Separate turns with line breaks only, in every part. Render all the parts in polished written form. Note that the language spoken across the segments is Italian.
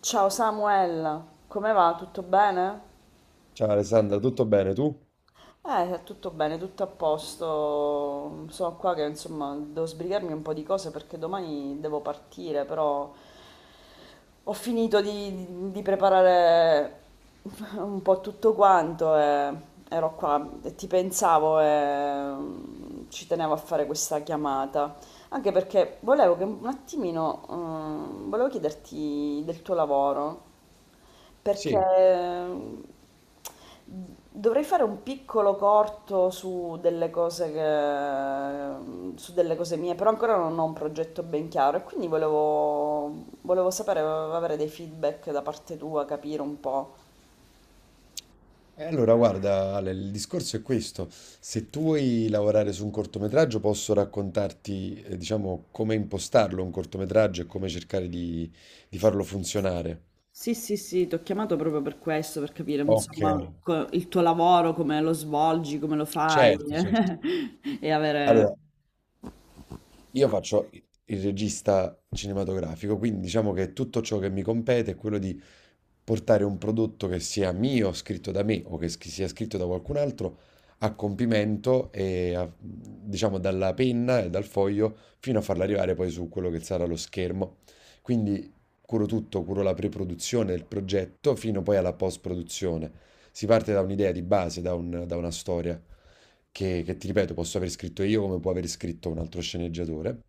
Ciao Samuel, come va? Tutto bene?
Ciao Alessandra, tutto bene tu?
Tutto bene, tutto a posto. Sono qua che insomma devo sbrigarmi un po' di cose perché domani devo partire, però ho finito di preparare un po' tutto quanto e ero qua e ti pensavo e ci tenevo a fare questa chiamata. Anche perché volevo che un attimino, volevo chiederti del tuo lavoro perché
Sì.
dovrei fare un piccolo corto su delle cose mie, però ancora non ho un progetto ben chiaro e quindi volevo sapere, avere dei feedback da parte tua, capire un po'.
E allora guarda Ale, il discorso è questo: se tu vuoi lavorare su un cortometraggio posso raccontarti diciamo come impostarlo un cortometraggio e come cercare di farlo funzionare.
Sì, sì, sì, ti ho chiamato proprio per questo, per capire,
Ok,
insomma, il tuo lavoro, come lo svolgi, come lo fai
certo, certo.
e avere...
Allora, io faccio il regista cinematografico, quindi diciamo che tutto ciò che mi compete è quello di portare un prodotto che sia mio, scritto da me o che sia scritto da qualcun altro a compimento e diciamo dalla penna e dal foglio fino a farlo arrivare poi su quello che sarà lo schermo. Quindi curo tutto, curo la pre-produzione del progetto fino poi alla post-produzione. Si parte da un'idea di base, da da una storia che ti ripeto, posso aver scritto io come può aver scritto un altro sceneggiatore,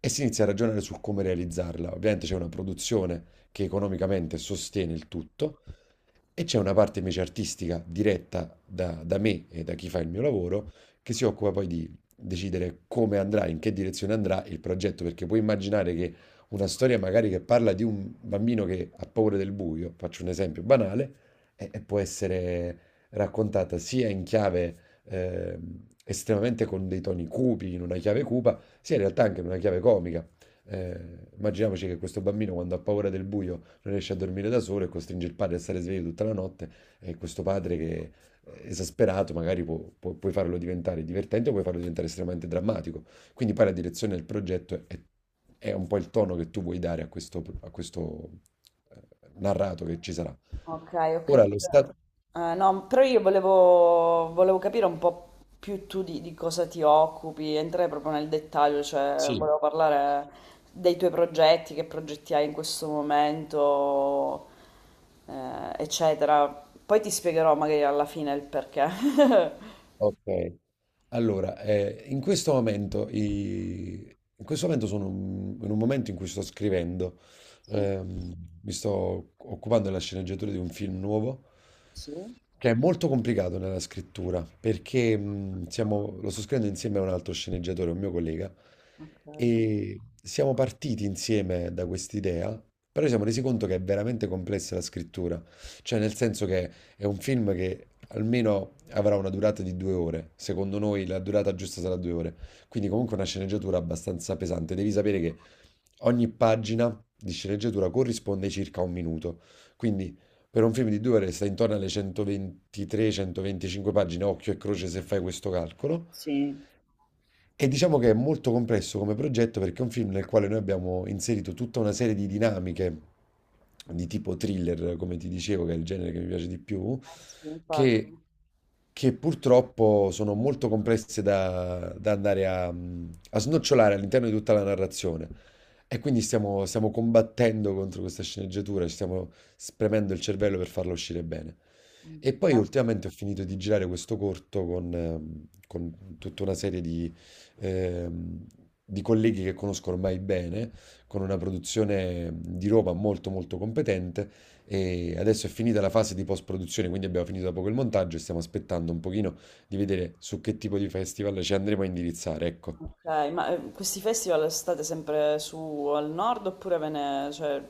e si inizia a ragionare su come realizzarla. Ovviamente c'è una produzione che economicamente sostiene il tutto, e c'è una parte invece artistica diretta da, da me e da chi fa il mio lavoro, che si occupa poi di decidere come andrà, in che direzione andrà il progetto, perché puoi immaginare che una storia magari che parla di un bambino che ha paura del buio, faccio un esempio banale, e può essere raccontata sia in chiave estremamente con dei toni cupi, in una chiave cupa, sia in realtà anche in una chiave comica. Immaginiamoci che questo bambino quando ha paura del buio non riesce a dormire da solo e costringe il padre a stare sveglio tutta la notte, e questo padre che è esasperato magari puoi farlo diventare divertente o puoi farlo diventare estremamente drammatico. Quindi poi la direzione del progetto è un po' il tono che tu vuoi dare a questo, eh, narrato che ci sarà.
Ok, ho
Ora
capito.
lo stato...
No, però io volevo capire un po' più tu di cosa ti occupi, entrare proprio nel dettaglio, cioè
Sì,
volevo parlare dei tuoi progetti, che progetti hai in questo momento, eccetera. Poi ti spiegherò magari alla fine il perché.
ok. Allora, in questo momento, in questo momento sono in un momento in cui sto scrivendo,
Sì,
ehm, mi sto occupando della sceneggiatura di un film nuovo,
sì,
che è molto complicato nella scrittura, perché lo sto scrivendo insieme a un altro sceneggiatore, un mio collega,
ok.
e siamo partiti insieme da quest'idea, però ci siamo resi conto che è veramente complessa la scrittura, cioè nel senso che è un film che almeno avrà una durata di due ore. Secondo noi la durata giusta sarà due ore. Quindi comunque una sceneggiatura abbastanza pesante. Devi sapere che ogni pagina di sceneggiatura corrisponde circa a un minuto. Quindi per un film di due ore stai intorno alle 123-125 pagine, occhio e croce se fai questo calcolo.
Sì.
E diciamo che è molto complesso come progetto perché è un film nel quale noi abbiamo inserito tutta una serie di dinamiche di tipo thriller, come ti dicevo, che è il genere che mi piace di più,
Eh sì, infatti.
che, che purtroppo sono molto complesse da, da andare a, a snocciolare all'interno di tutta la narrazione. E quindi stiamo, stiamo combattendo contro questa sceneggiatura, ci stiamo spremendo il cervello per farla uscire bene.
Mm.
E poi ultimamente ho finito di girare questo corto con tutta una serie ehm, di colleghi che conosco ormai bene, con una produzione di roba molto molto competente, e adesso è finita la fase di post-produzione, quindi abbiamo finito da poco il montaggio e stiamo aspettando un pochino di vedere su che tipo di festival ci andremo a indirizzare, ecco.
Ok, ma questi festival state sempre su al nord oppure ve ne, cioè,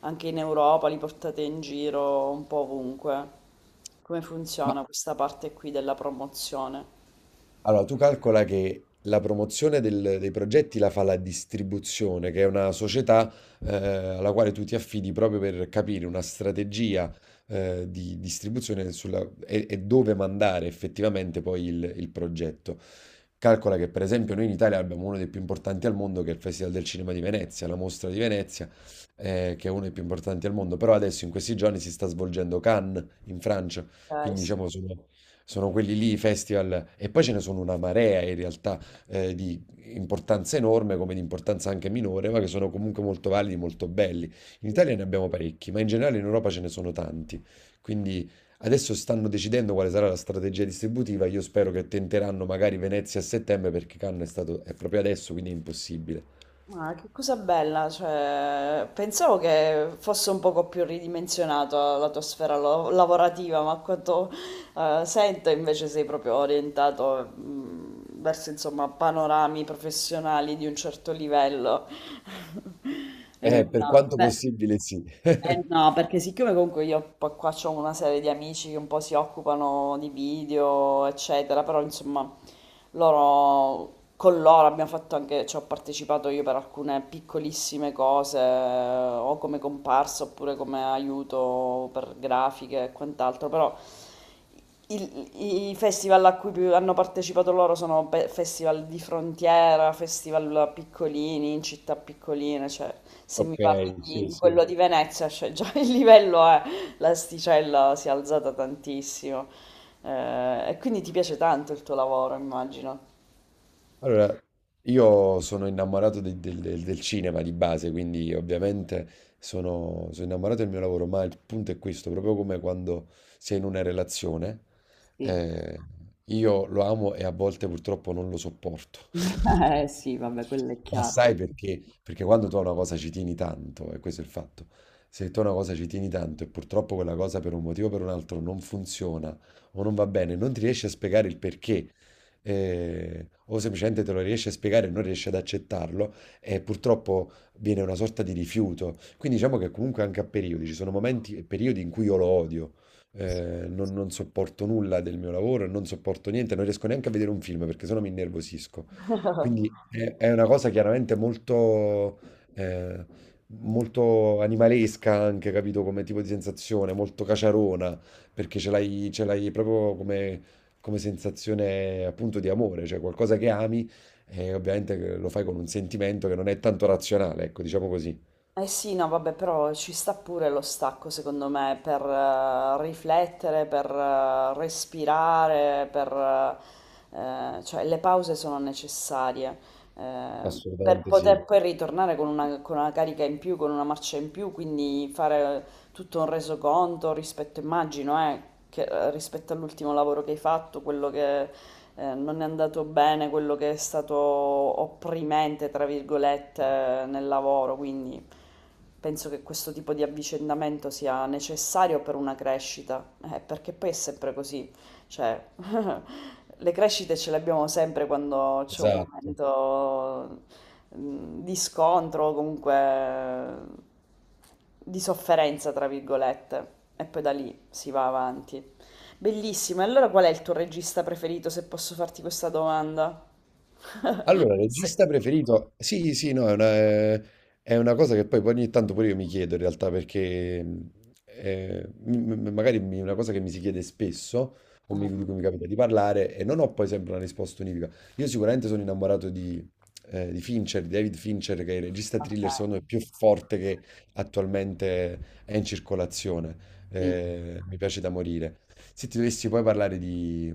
anche in Europa li portate in giro un po' ovunque? Come
Ma
funziona questa parte qui della promozione?
allora, tu calcola che la promozione dei progetti la fa la distribuzione, che è una società alla quale tu ti affidi proprio per capire una strategia di distribuzione e dove mandare effettivamente poi il progetto. Calcola che per esempio noi in Italia abbiamo uno dei più importanti al mondo, che è il Festival del Cinema di Venezia, la mostra di Venezia, che è uno dei più importanti al mondo, però adesso in questi giorni si sta svolgendo Cannes in Francia,
Ok,
quindi
sì.
diciamo sono, sono quelli lì i festival, e poi ce ne sono una marea in realtà di importanza enorme come di importanza anche minore, ma che sono comunque molto validi, molto belli. In Italia ne abbiamo parecchi, ma in generale in Europa ce ne sono tanti, quindi adesso stanno decidendo quale sarà la strategia distributiva. Io spero che tenteranno magari Venezia a settembre, perché Cannes è stato, è proprio adesso, quindi è impossibile.
Ma che cosa bella, cioè, pensavo che fosse un poco più ridimensionata la tua sfera lavorativa, ma a quanto, eh, sento invece sei proprio orientato verso insomma panorami professionali di un certo livello.
Per
No,
quanto
beh,
possibile, sì.
eh no, perché siccome comunque io qua ho una serie di amici che un po' si occupano di video, eccetera, però insomma con loro abbiamo fatto anche, ci ho partecipato io per alcune piccolissime cose, o come comparsa oppure come aiuto per grafiche e quant'altro, però i festival a cui hanno partecipato loro sono festival di frontiera, festival piccolini, in città piccoline, cioè se
Ok,
mi parli
sì,
di
sì.
quello di Venezia, cioè già il livello è, l'asticella si è alzata tantissimo. E quindi ti piace tanto il tuo lavoro, immagino.
Allora, io sono innamorato del, del cinema di base, quindi ovviamente sono, sono innamorato del mio lavoro, ma il punto è questo: proprio come quando sei in una relazione,
Sì.
eh, io lo amo e a volte purtroppo non lo sopporto.
Eh sì, vabbè, quello è
Ma
chiaro.
sai perché? Perché quando tu a una cosa ci tieni tanto, e questo è il fatto, se tu a una cosa ci tieni tanto e purtroppo quella cosa per un motivo o per un altro non funziona o non va bene, non ti riesci a spiegare il perché, o semplicemente te lo riesci a spiegare e non riesci ad accettarlo, e purtroppo viene una sorta di rifiuto. Quindi diciamo che comunque anche a periodi, ci sono momenti e periodi in cui io lo odio. Eh, non, non sopporto nulla del mio lavoro, non sopporto niente, non riesco neanche a vedere un film perché sennò mi innervosisco. Quindi è una cosa chiaramente molto, eh, molto animalesca anche, capito? Come tipo di sensazione, molto caciarona, perché ce l'hai proprio come, come sensazione appunto di amore, cioè qualcosa che ami e ovviamente che lo fai con un sentimento che non è tanto razionale, ecco, diciamo così.
Eh sì, no, vabbè, però ci sta pure lo stacco, secondo me, per riflettere, per respirare, per, cioè le pause sono necessarie, eh, per
Assolutamente sì,
poter poi ritornare con con una carica in più, con una marcia in più, quindi fare tutto un resoconto rispetto, immagino, rispetto all'ultimo lavoro che hai fatto, quello che non è andato bene, quello che è stato opprimente, tra virgolette, nel lavoro, quindi penso che questo tipo di avvicendamento sia necessario per una crescita, perché poi è sempre così, cioè, le crescite ce le abbiamo sempre quando c'è un
esatto.
momento di scontro o comunque di sofferenza, tra virgolette, e poi da lì si va avanti. Bellissimo, e allora qual è il tuo regista preferito, se posso farti questa domanda?
Allora,
Se...
regista preferito? Sì, sì, no, è una cosa che poi ogni tanto pure io mi chiedo in realtà perché magari una cosa che mi si chiede spesso
Ah,
di cui mi capita di parlare e non ho poi sempre una risposta univoca. Io sicuramente sono innamorato di Fincher, di David Fincher, che è il regista
ok,
thriller secondo me più forte che attualmente è in circolazione.
sì.
Mi piace da morire. Se ti dovessi poi parlare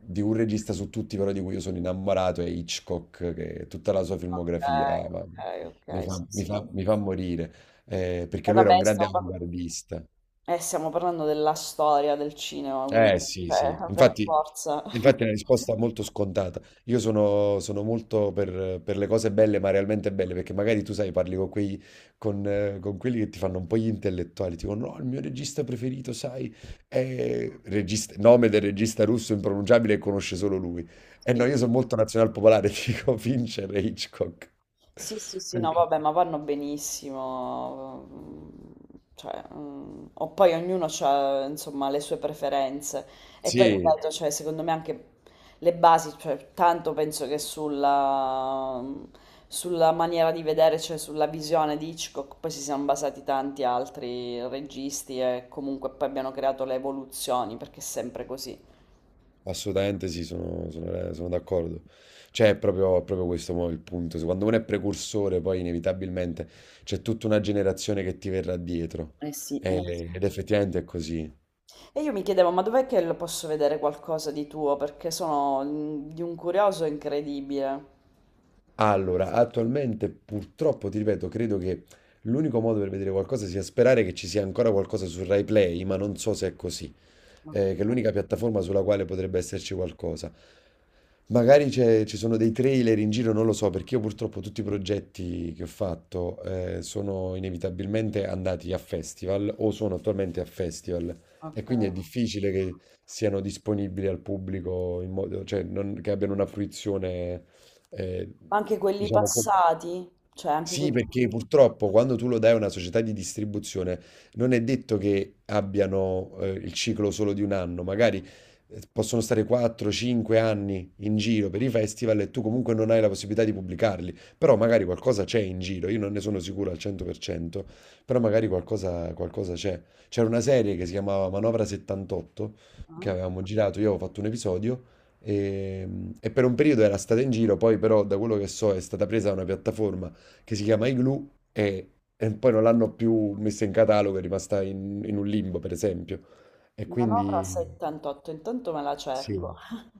di un regista su tutti, però di cui io sono innamorato, è Hitchcock, che tutta la sua
Ok,
filmografia ma
ok, ok, sì, sì.
mi fa morire,
E
perché lui era
vabbè,
un
sta
grande
un po'.
avanguardista.
Stiamo parlando della storia del cinema,
Eh
quindi,
sì, sì,
cioè, per
infatti,
forza.
infatti è una risposta molto scontata. Io sono, sono molto per le cose belle, ma realmente belle, perché magari tu sai, parli con quei, con quelli che ti fanno un po' gli intellettuali, tipo no, il mio regista preferito, sai, è regista, nome del regista russo impronunciabile e conosce solo lui. E no,
Sì.
io sono molto nazional popolare, ti dico Fincher e Hitchcock.
Sì, sì, sì, no,
Perché?
vabbè, ma vanno benissimo. Mm, cioè, mm, o poi ognuno ha, insomma, le sue preferenze. E poi,
Sì,
ripeto, cioè, secondo me anche le basi, cioè, tanto penso che sulla maniera di vedere, cioè sulla visione di Hitchcock, poi si siano basati tanti altri registi e comunque poi abbiano creato le evoluzioni, perché è sempre così.
assolutamente sì, sono, sono d'accordo. Cioè, è proprio questo mo il punto. Se Quando uno è precursore, poi inevitabilmente c'è tutta una generazione che ti verrà dietro.
Eh sì, eh sì.
Ed effettivamente è così.
E io mi chiedevo, ma dov'è che lo posso vedere qualcosa di tuo? Perché sono mm, di un curioso incredibile.
Allora, attualmente purtroppo, ti ripeto, credo che l'unico modo per vedere qualcosa sia sperare che ci sia ancora qualcosa su RaiPlay, ma non so se è così.
Ok,
Eh, che è l'unica piattaforma sulla quale potrebbe esserci qualcosa. Magari ci sono dei trailer in giro, non lo so, perché io purtroppo tutti i progetti che ho fatto sono inevitabilmente andati a festival o sono attualmente a festival, e
ok.
quindi è difficile che siano disponibili al pubblico in modo, cioè che abbiano una fruizione, eh,
Ma anche quelli
diciamo,
passati, cioè anche
sì,
quelli...
perché purtroppo quando tu lo dai a una società di distribuzione non è detto che abbiano il ciclo solo di un anno, magari possono stare 4-5 anni in giro per i festival e tu comunque non hai la possibilità di pubblicarli, però magari qualcosa c'è in giro, io non ne sono sicuro al 100%, però magari qualcosa, qualcosa c'è. C'era una serie che si chiamava Manovra 78 che
eh?
avevamo girato, io avevo fatto un episodio. E, e per un periodo era stata in giro, poi però da quello che so è stata presa da una piattaforma che si chiama Igloo e poi non l'hanno più messa in catalogo, è rimasta in, in un limbo, per esempio. E
Manovra
quindi
78, intanto me la cerco.
sì,